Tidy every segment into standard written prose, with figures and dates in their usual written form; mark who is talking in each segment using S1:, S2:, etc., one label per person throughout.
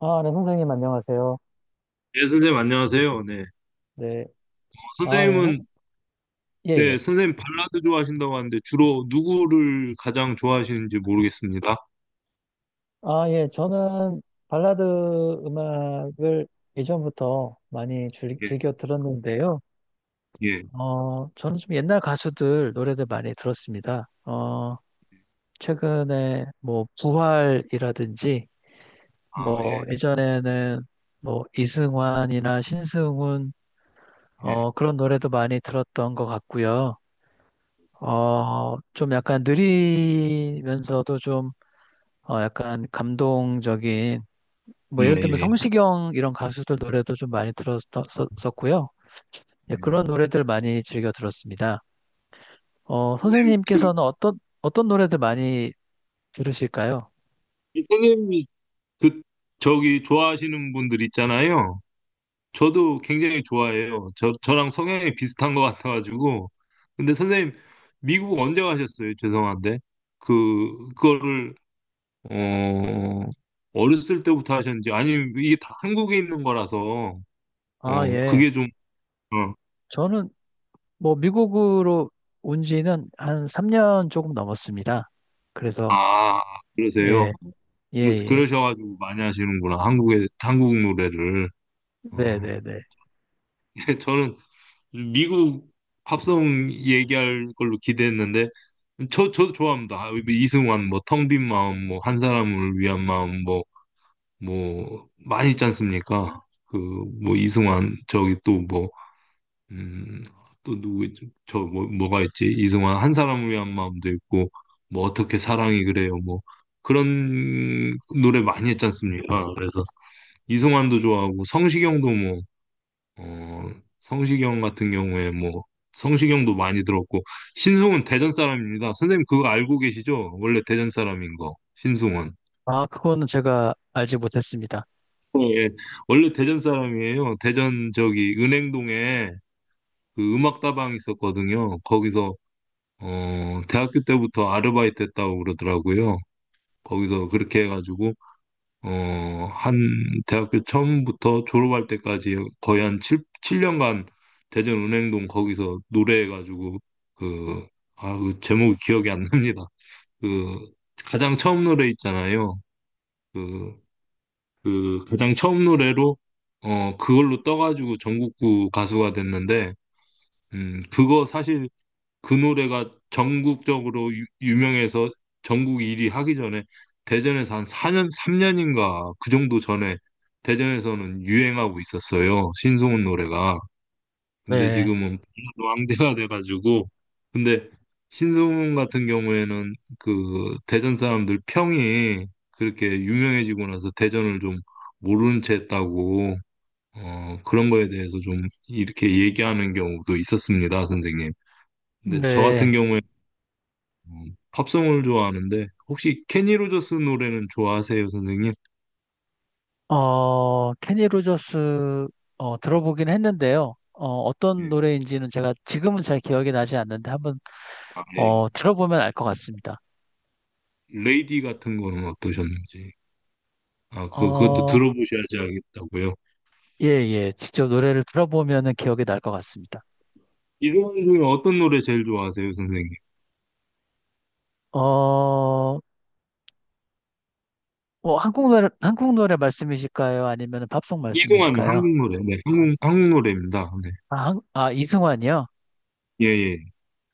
S1: 아, 네, 선생님, 안녕하세요.
S2: 네, 선생님 안녕하세요. 네.
S1: 네. 아, 예, 선-
S2: 선생님은.
S1: 예,
S2: 네,
S1: 예.
S2: 선생님 발라드 좋아하신다고 하는데 주로 누구를 가장 좋아하시는지 모르겠습니다.
S1: 아, 예, 저는 발라드 음악을 예전부터 많이
S2: 예.
S1: 즐겨 들었는데요.
S2: 예.
S1: 저는 좀 옛날 가수들 노래들 많이 들었습니다. 최근에 뭐, 부활이라든지,
S2: 아,
S1: 뭐,
S2: 예.
S1: 예전에는 뭐, 이승환이나 신승훈,
S2: 예.
S1: 그런 노래도 많이 들었던 것 같고요. 어, 좀 약간 느리면서도 좀 약간 감동적인,
S2: 예,
S1: 뭐 예를 들면
S2: 예.
S1: 성시경 이런 가수들 노래도 좀 많이 들었었고요. 예,
S2: 예.
S1: 그런 노래들 많이 즐겨 들었습니다. 어,
S2: 선생님, 그,
S1: 선생님께서는 어떤 노래들 많이 들으실까요?
S2: 선생님이 그 저기 좋아하시는 분들 있잖아요. 저도 굉장히 좋아해요. 저랑 성향이 비슷한 것 같아 가지고. 근데 선생님 미국 언제 가셨어요? 죄송한데. 그 그거를 어, 어렸을 때부터 하셨는지, 아니면 이게 다 한국에 있는 거라서,
S1: 아, 예.
S2: 그게 좀, 어,
S1: 저는 뭐 미국으로 온 지는 한 3년 조금 넘었습니다. 그래서,
S2: 아, 그러세요.
S1: 예, 예,
S2: 그래서
S1: 예.
S2: 그러셔가지고 많이 하시는구나. 한국의, 한국 노래를.
S1: 네,
S2: 어,
S1: 네, 네.
S2: 저는 미국 팝송 얘기할 걸로 기대했는데, 저도 좋아합니다. 아, 뭐 이승환, 뭐, 텅빈 마음, 뭐, 한 사람을 위한 마음, 뭐, 뭐, 많이 있지 않습니까? 그, 뭐, 이승환, 저기 또 뭐, 음, 또 누구 있지? 저 뭐, 뭐가 있지? 이승환 한 사람을 위한 마음도 있고, 뭐 어떻게 사랑이 그래요, 뭐 그런 노래 많이 했지 않습니까? 그래서 이승환도 좋아하고 성시경도 뭐, 어, 성시경 같은 경우에 뭐, 성시경도 많이 들었고. 신승훈 대전 사람입니다. 선생님 그거 알고 계시죠? 원래 대전 사람인 거 신승훈.
S1: 아, 그거는 제가 알지 못했습니다.
S2: 예, 원래 대전 사람이에요. 대전 저기 은행동에 그 음악다방 있었거든요. 거기서 대학교 때부터 아르바이트 했다고 그러더라고요. 거기서 그렇게 해가지고, 어, 한, 대학교 처음부터 졸업할 때까지 거의 한 7, 칠년간 대전은행동 거기서 노래해가지고, 그, 아, 그 제목이 기억이 안 납니다. 그, 가장 처음 노래 있잖아요. 그, 그, 가장 처음 노래로, 그걸로 떠가지고 전국구 가수가 됐는데, 그거 사실 그 노래가 전국적으로 유명해서 전국 1위 하기 전에 대전에서 한 4년, 3년인가 그 정도 전에 대전에서는 유행하고 있었어요. 신승훈 노래가. 근데
S1: 네,
S2: 지금은 발라드 왕대가 돼가지고. 근데 신승훈 같은 경우에는 그 대전 사람들 평이, 그렇게 유명해지고 나서 대전을 좀 모르는 채 했다고, 그런 거에 대해서 좀 이렇게 얘기하는 경우도 있었습니다, 선생님. 근데 저 같은
S1: 네.
S2: 경우에 팝송을 좋아하는데, 혹시 케니 로저스 노래는 좋아하세요, 선생님?
S1: 어, 케니 로저스 들어보긴 했는데요. 어, 떤
S2: 예.
S1: 노래인지는 제가 지금은 잘 기억이 나지 않는데 한번
S2: 아, 예.
S1: 들어보면 알 것 같습니다.
S2: 레이디 같은 거는 어떠셨는지. 아, 그 그것도
S1: 어,
S2: 들어보셔야지 알겠다고요.
S1: 예, 예. 직접 노래를 들어보면은 기억이 날 것 같습니다.
S2: 이동환 중에 어떤 노래 제일 좋아하세요, 선생님?
S1: 어, 뭐 한국 노래 말씀이실까요? 아니면 팝송
S2: 이동환은
S1: 말씀이실까요?
S2: 한국 노래. 네, 한국 노래입니다. 네.
S1: 아, 이승환이요?
S2: 예, 예.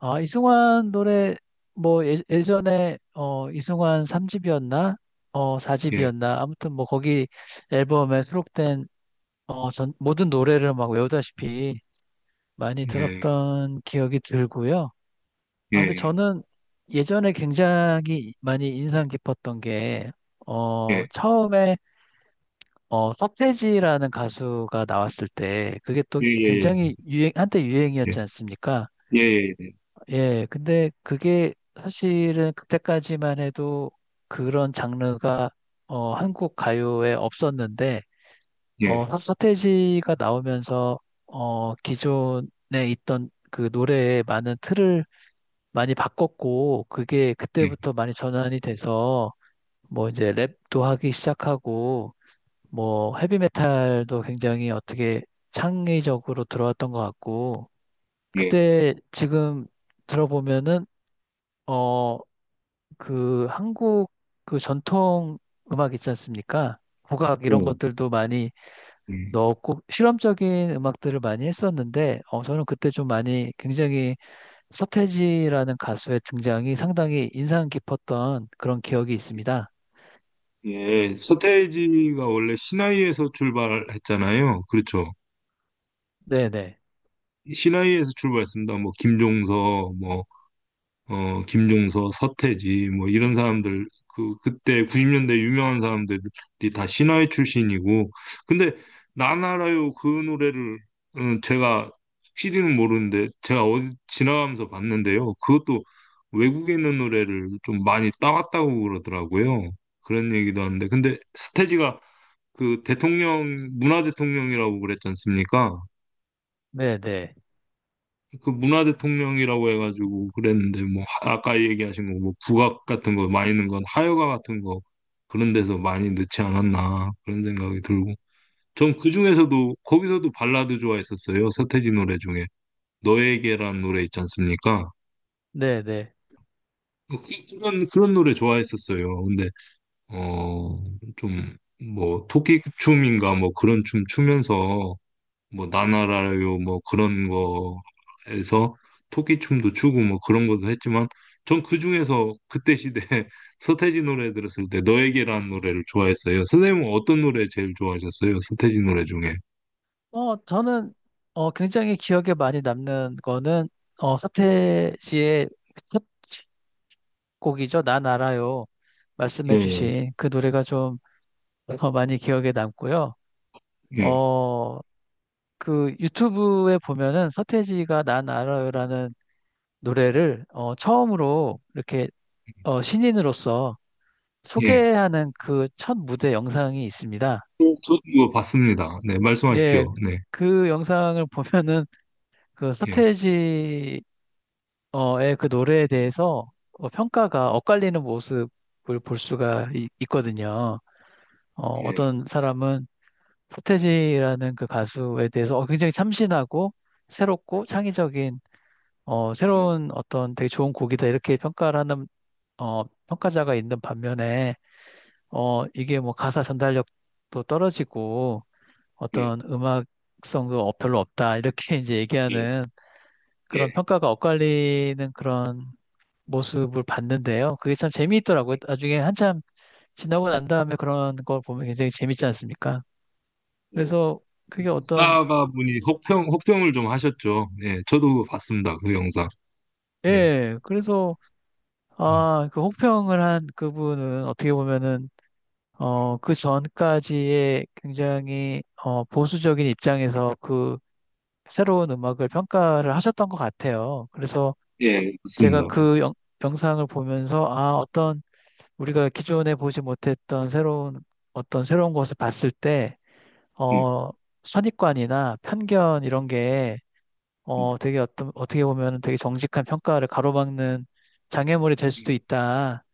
S1: 아, 이승환 노래 뭐 예, 예전에 어, 이승환 3집이었나? 어,
S2: 예.
S1: 4집이었나? 아무튼 뭐 거기 앨범에 수록된 어, 전 모든 노래를 막 외우다시피 많이
S2: 예.
S1: 들었던 기억이 들고요. 아, 근데
S2: 예.
S1: 저는 예전에 굉장히 많이 인상 깊었던 게, 어,
S2: 예.
S1: 처음에, 어, 서태지라는 가수가 나왔을 때, 그게 또
S2: 예. 예.
S1: 굉장히 유행, 한때 유행이었지 않습니까?
S2: 예. 예.
S1: 예, 근데 그게 사실은 그때까지만 해도 그런 장르가, 어, 한국 가요에 없었는데,
S2: 예. 예.
S1: 서태지가 나오면서 어, 기존에 있던 그 노래의 많은 틀을 많이 바꿨고 그게
S2: 예.
S1: 그때부터 많이 전환이 돼서 뭐 이제 랩도 하기 시작하고 뭐 헤비메탈도 굉장히 어떻게 창의적으로 들어왔던 것 같고
S2: 예.
S1: 그때 지금 들어보면은 어, 그 한국 그 전통 음악 있지 않습니까? 국악 이런
S2: 음,
S1: 것들도 많이
S2: 음.
S1: 넣었고 실험적인 음악들을 많이 했었는데 어, 저는 그때 좀 많이 굉장히 서태지라는 가수의 등장이 상당히 인상 깊었던 그런 기억이 있습니다.
S2: 예, 서태지가 원래 신화위에서 출발했잖아요. 그렇죠.
S1: 네네.
S2: 신화위에서 출발했습니다. 뭐 김종서, 뭐, 김종서, 서태지, 뭐 이런 사람들, 그 그때 90년대 유명한 사람들이 다 신화위 출신이고, 근데 나나라요 그 노래를, 제가 실히는 모르는데, 제가 어디 지나가면서 봤는데요. 그것도 외국에 있는 노래를 좀 많이 따왔다고 그러더라고요. 그런 얘기도 하는데, 근데 서태지가 그 대통령, 문화 대통령이라고 그랬지 않습니까?
S1: 네네.
S2: 그 문화 대통령이라고 해가지고 그랬는데, 뭐 아까 얘기하신 거 뭐 국악 같은 거 많이 넣은 건 하여가 같은 거, 그런 데서 많이 넣지 않았나 그런 생각이 들고. 전 그중에서도 거기서도 발라드 좋아했었어요. 서태지 노래 중에 너에게란 노래 있지 않습니까?
S1: 네네.
S2: 그- 그, 그런 그런 노래 좋아했었어요. 근데 어 좀, 뭐 토끼춤인가 뭐 그런 춤 추면서, 뭐 나나라요 뭐 그런 거에서 토끼춤도 추고 뭐 그런 것도 했지만, 전 그중에서 그때 시대 서태지 노래 들었을 때 너에게라는 노래를 좋아했어요. 선생님은 어떤 노래 제일 좋아하셨어요? 서태지 노래 중에.
S1: 어, 저는 어, 굉장히 기억에 많이 남는 거는 어,
S2: 예,
S1: 서태지의 첫 곡이죠. 난 알아요.
S2: 예,
S1: 말씀해주신 그 노래가 좀 어, 많이 기억에 남고요.
S2: 예.
S1: 어, 그 유튜브에 보면은 서태지가 난 알아요라는 노래를 어, 처음으로 이렇게 어, 신인으로서
S2: 예.
S1: 소개하는 그 첫 무대 영상이 있습니다.
S2: 저도 이거 봤습니다. 네,
S1: 예,
S2: 말씀하십시오. 네.
S1: 그 영상을 보면은 그
S2: 예.
S1: 서태지의 그 노래에 대해서 어, 평가가 엇갈리는 모습을 볼 수가 거든요. 어,
S2: 예.
S1: 떤 사람은 서태지라는 그 가수에 대해서 어, 굉장히 참신하고 새롭고
S2: 예.
S1: 창의적인 어, 새로운 어떤 되게 좋은 곡이다 이렇게 평가를 하는 어, 평가자가 있는 반면에 어, 이게 뭐 가사 전달력도 떨어지고
S2: 예.
S1: 어떤 음악성도 어- 별로 없다. 이렇게 이제
S2: 예.
S1: 얘기하는
S2: 예.
S1: 그런 평가가 엇갈리는 그런 모습을 봤는데요. 그게 참 재미있더라고요. 나중에 한참 지나고 난 다음에 그런 걸 보면 굉장히 재밌지 않습니까?
S2: 예.
S1: 그래서 그게 어떤,
S2: 사가분이 혹평을 좀 하셨죠. 예. 저도 봤습니다. 그 영상. 예.
S1: 예, 그래서
S2: 음,
S1: 아, 그 혹평을 한 그분은 어떻게 보면은 어, 그 전까지의 굉장히 어, 보수적인 입장에서 그 새로운 음악을 평가를 하셨던 것 같아요. 그래서
S2: 습니
S1: 제가
S2: 다
S1: 영상을 보면서 아, 어떤 우리가 기존에 보지 못했던 새로운 어떤 새로운 것을 봤을 때
S2: 예.
S1: 어, 선입관이나 편견 이런 게 어, 되게 어떤 어떻게 보면 되게 정직한 평가를 가로막는 장애물이 될 수도
S2: 음.
S1: 있다.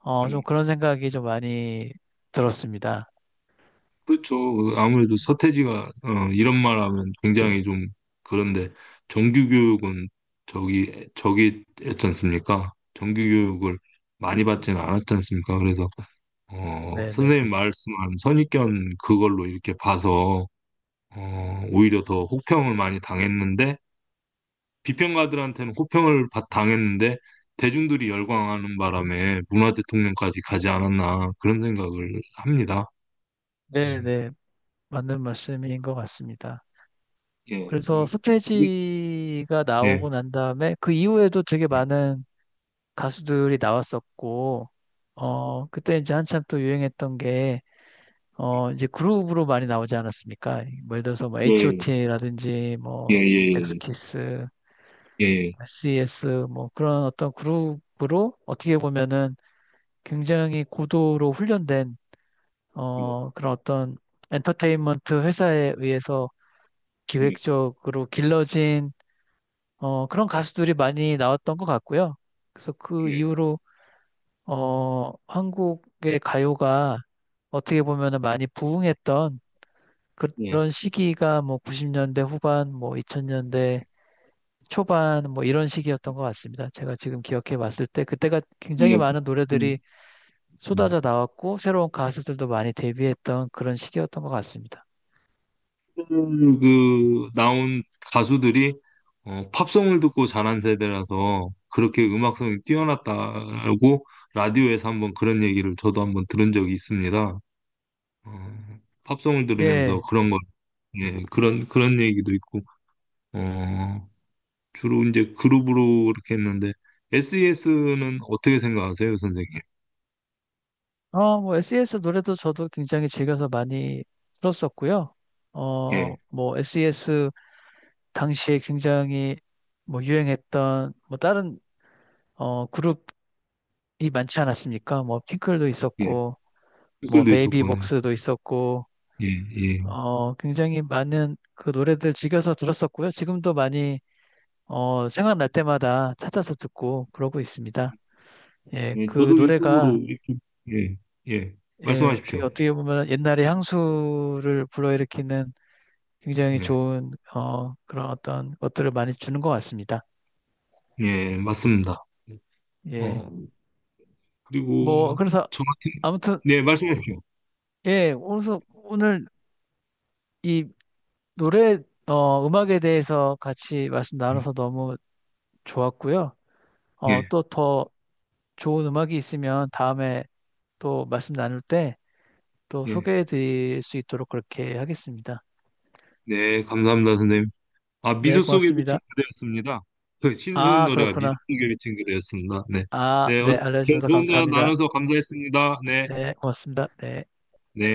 S1: 어, 좀
S2: 음,
S1: 그런 생각이 좀 많이 들었습니다.
S2: 그렇죠. 그 아무래도 서태지가 이런 말 하면 굉장히 좀 그런데, 정규 교육은 저기 저기 했지 않습니까? 정규 교육을 많이 받지는 않았지 않습니까? 그래서
S1: 네네.
S2: 선생님 말씀한 선입견 그걸로 이렇게 봐서 오히려 더 혹평을 많이 당했는데, 비평가들한테는 혹평을 당했는데, 대중들이 열광하는 바람에 문화 대통령까지 가지 않았나 그런 생각을 합니다. 음.
S1: 네네. 맞는 말씀인 것 같습니다.
S2: 예,
S1: 그래서
S2: 그게-
S1: 서태지가 나오고
S2: 네,
S1: 난 다음에 그 이후에도 되게 많은 가수들이 나왔었고, 어, 그때 이제 한참 또 유행했던 게, 어, 이제 그룹으로 많이 나오지 않았습니까? 뭐 예를 들어서 뭐
S2: 예, 예,
S1: H.O.T.라든지
S2: 예,
S1: 뭐
S2: 예,
S1: 잭스키스,
S2: 예,
S1: SES 뭐 그런 어떤 그룹으로 어떻게 보면은 굉장히 고도로 훈련된,
S2: 예,
S1: 어, 그런 어떤 엔터테인먼트 회사에 의해서
S2: 예,
S1: 기획적으로 길러진 어, 그런 가수들이 많이 나왔던 것 같고요. 그래서 그
S2: 예,
S1: 이후로 어, 한국의 가요가 어떻게 보면 많이 부흥했던
S2: 예,
S1: 그런 시기가 뭐 90년대 후반, 뭐 2000년대 초반 뭐 이런 시기였던 것 같습니다. 제가 지금 기억해 봤을 때 그때가 굉장히
S2: 예, 예.
S1: 많은 노래들이
S2: 음, 음.
S1: 쏟아져 나왔고 새로운 가수들도 많이 데뷔했던 그런 시기였던 것 같습니다.
S2: 그 나온 가수들이 팝송을 듣고 자란 세대라서 그렇게 음악성이 뛰어났다고, 라디오에서 한번 그런 얘기를 저도 한번 들은 적이 있습니다. 어, 팝송을 들으면서
S1: 예.
S2: 그런 걸. 예, 그런 그런 얘기도 있고, 어, 주로 이제 그룹으로 이렇게 했는데, SES는 어떻게 생각하세요, 선생님?
S1: 어, 뭐 SES 노래도 저도 굉장히 즐겨서 많이 들었었고요. 어,
S2: 예,
S1: 뭐 SES 당시에 굉장히 뭐 유행했던 뭐 다른 어 그룹이 많지 않았습니까? 뭐 핑클도
S2: 예.
S1: 있었고 뭐
S2: 댓글도 있었군요.
S1: 베이비복스도 있었고
S2: 예, 예.
S1: 어 굉장히 많은 그 노래들 즐겨서 들었었고요. 지금도 많이 어 생각날 때마다 찾아서 듣고 그러고 있습니다. 예,
S2: 예,
S1: 그
S2: 저도
S1: 노래가
S2: 유튜브로 이렇게. 예, 예.
S1: 예, 되게
S2: 말씀하십시오.
S1: 어떻게 보면 옛날의 향수를 불러일으키는 굉장히
S2: 예,
S1: 좋은 어 그런 어떤 것들을 많이 주는 것 같습니다.
S2: 예, 맞습니다.
S1: 예.
S2: 어,
S1: 뭐
S2: 그리고
S1: 그래서
S2: 저 같은.
S1: 아무튼
S2: 네, 말씀하십시오.
S1: 예, 오늘 이 노래, 어, 음악에 대해서 같이 말씀 나눠서 너무 좋았고요.
S2: 예,
S1: 어, 또 더 좋은 음악이 있으면 다음에 또 말씀 나눌 때 또
S2: 예.
S1: 소개해 드릴 수 있도록 그렇게 하겠습니다.
S2: 네, 감사합니다, 선생님. 아,
S1: 네,
S2: 미소 속에
S1: 고맙습니다.
S2: 비친 그대였습니다. 그 신승훈
S1: 아,
S2: 노래가 미소
S1: 그렇구나.
S2: 속에 비친 그대였습니다. 네.
S1: 아,
S2: 네,
S1: 네, 알려주셔서
S2: 좋은 대화
S1: 감사합니다.
S2: 나눠서 감사했습니다. 네,
S1: 네, 고맙습니다. 네.
S2: 네.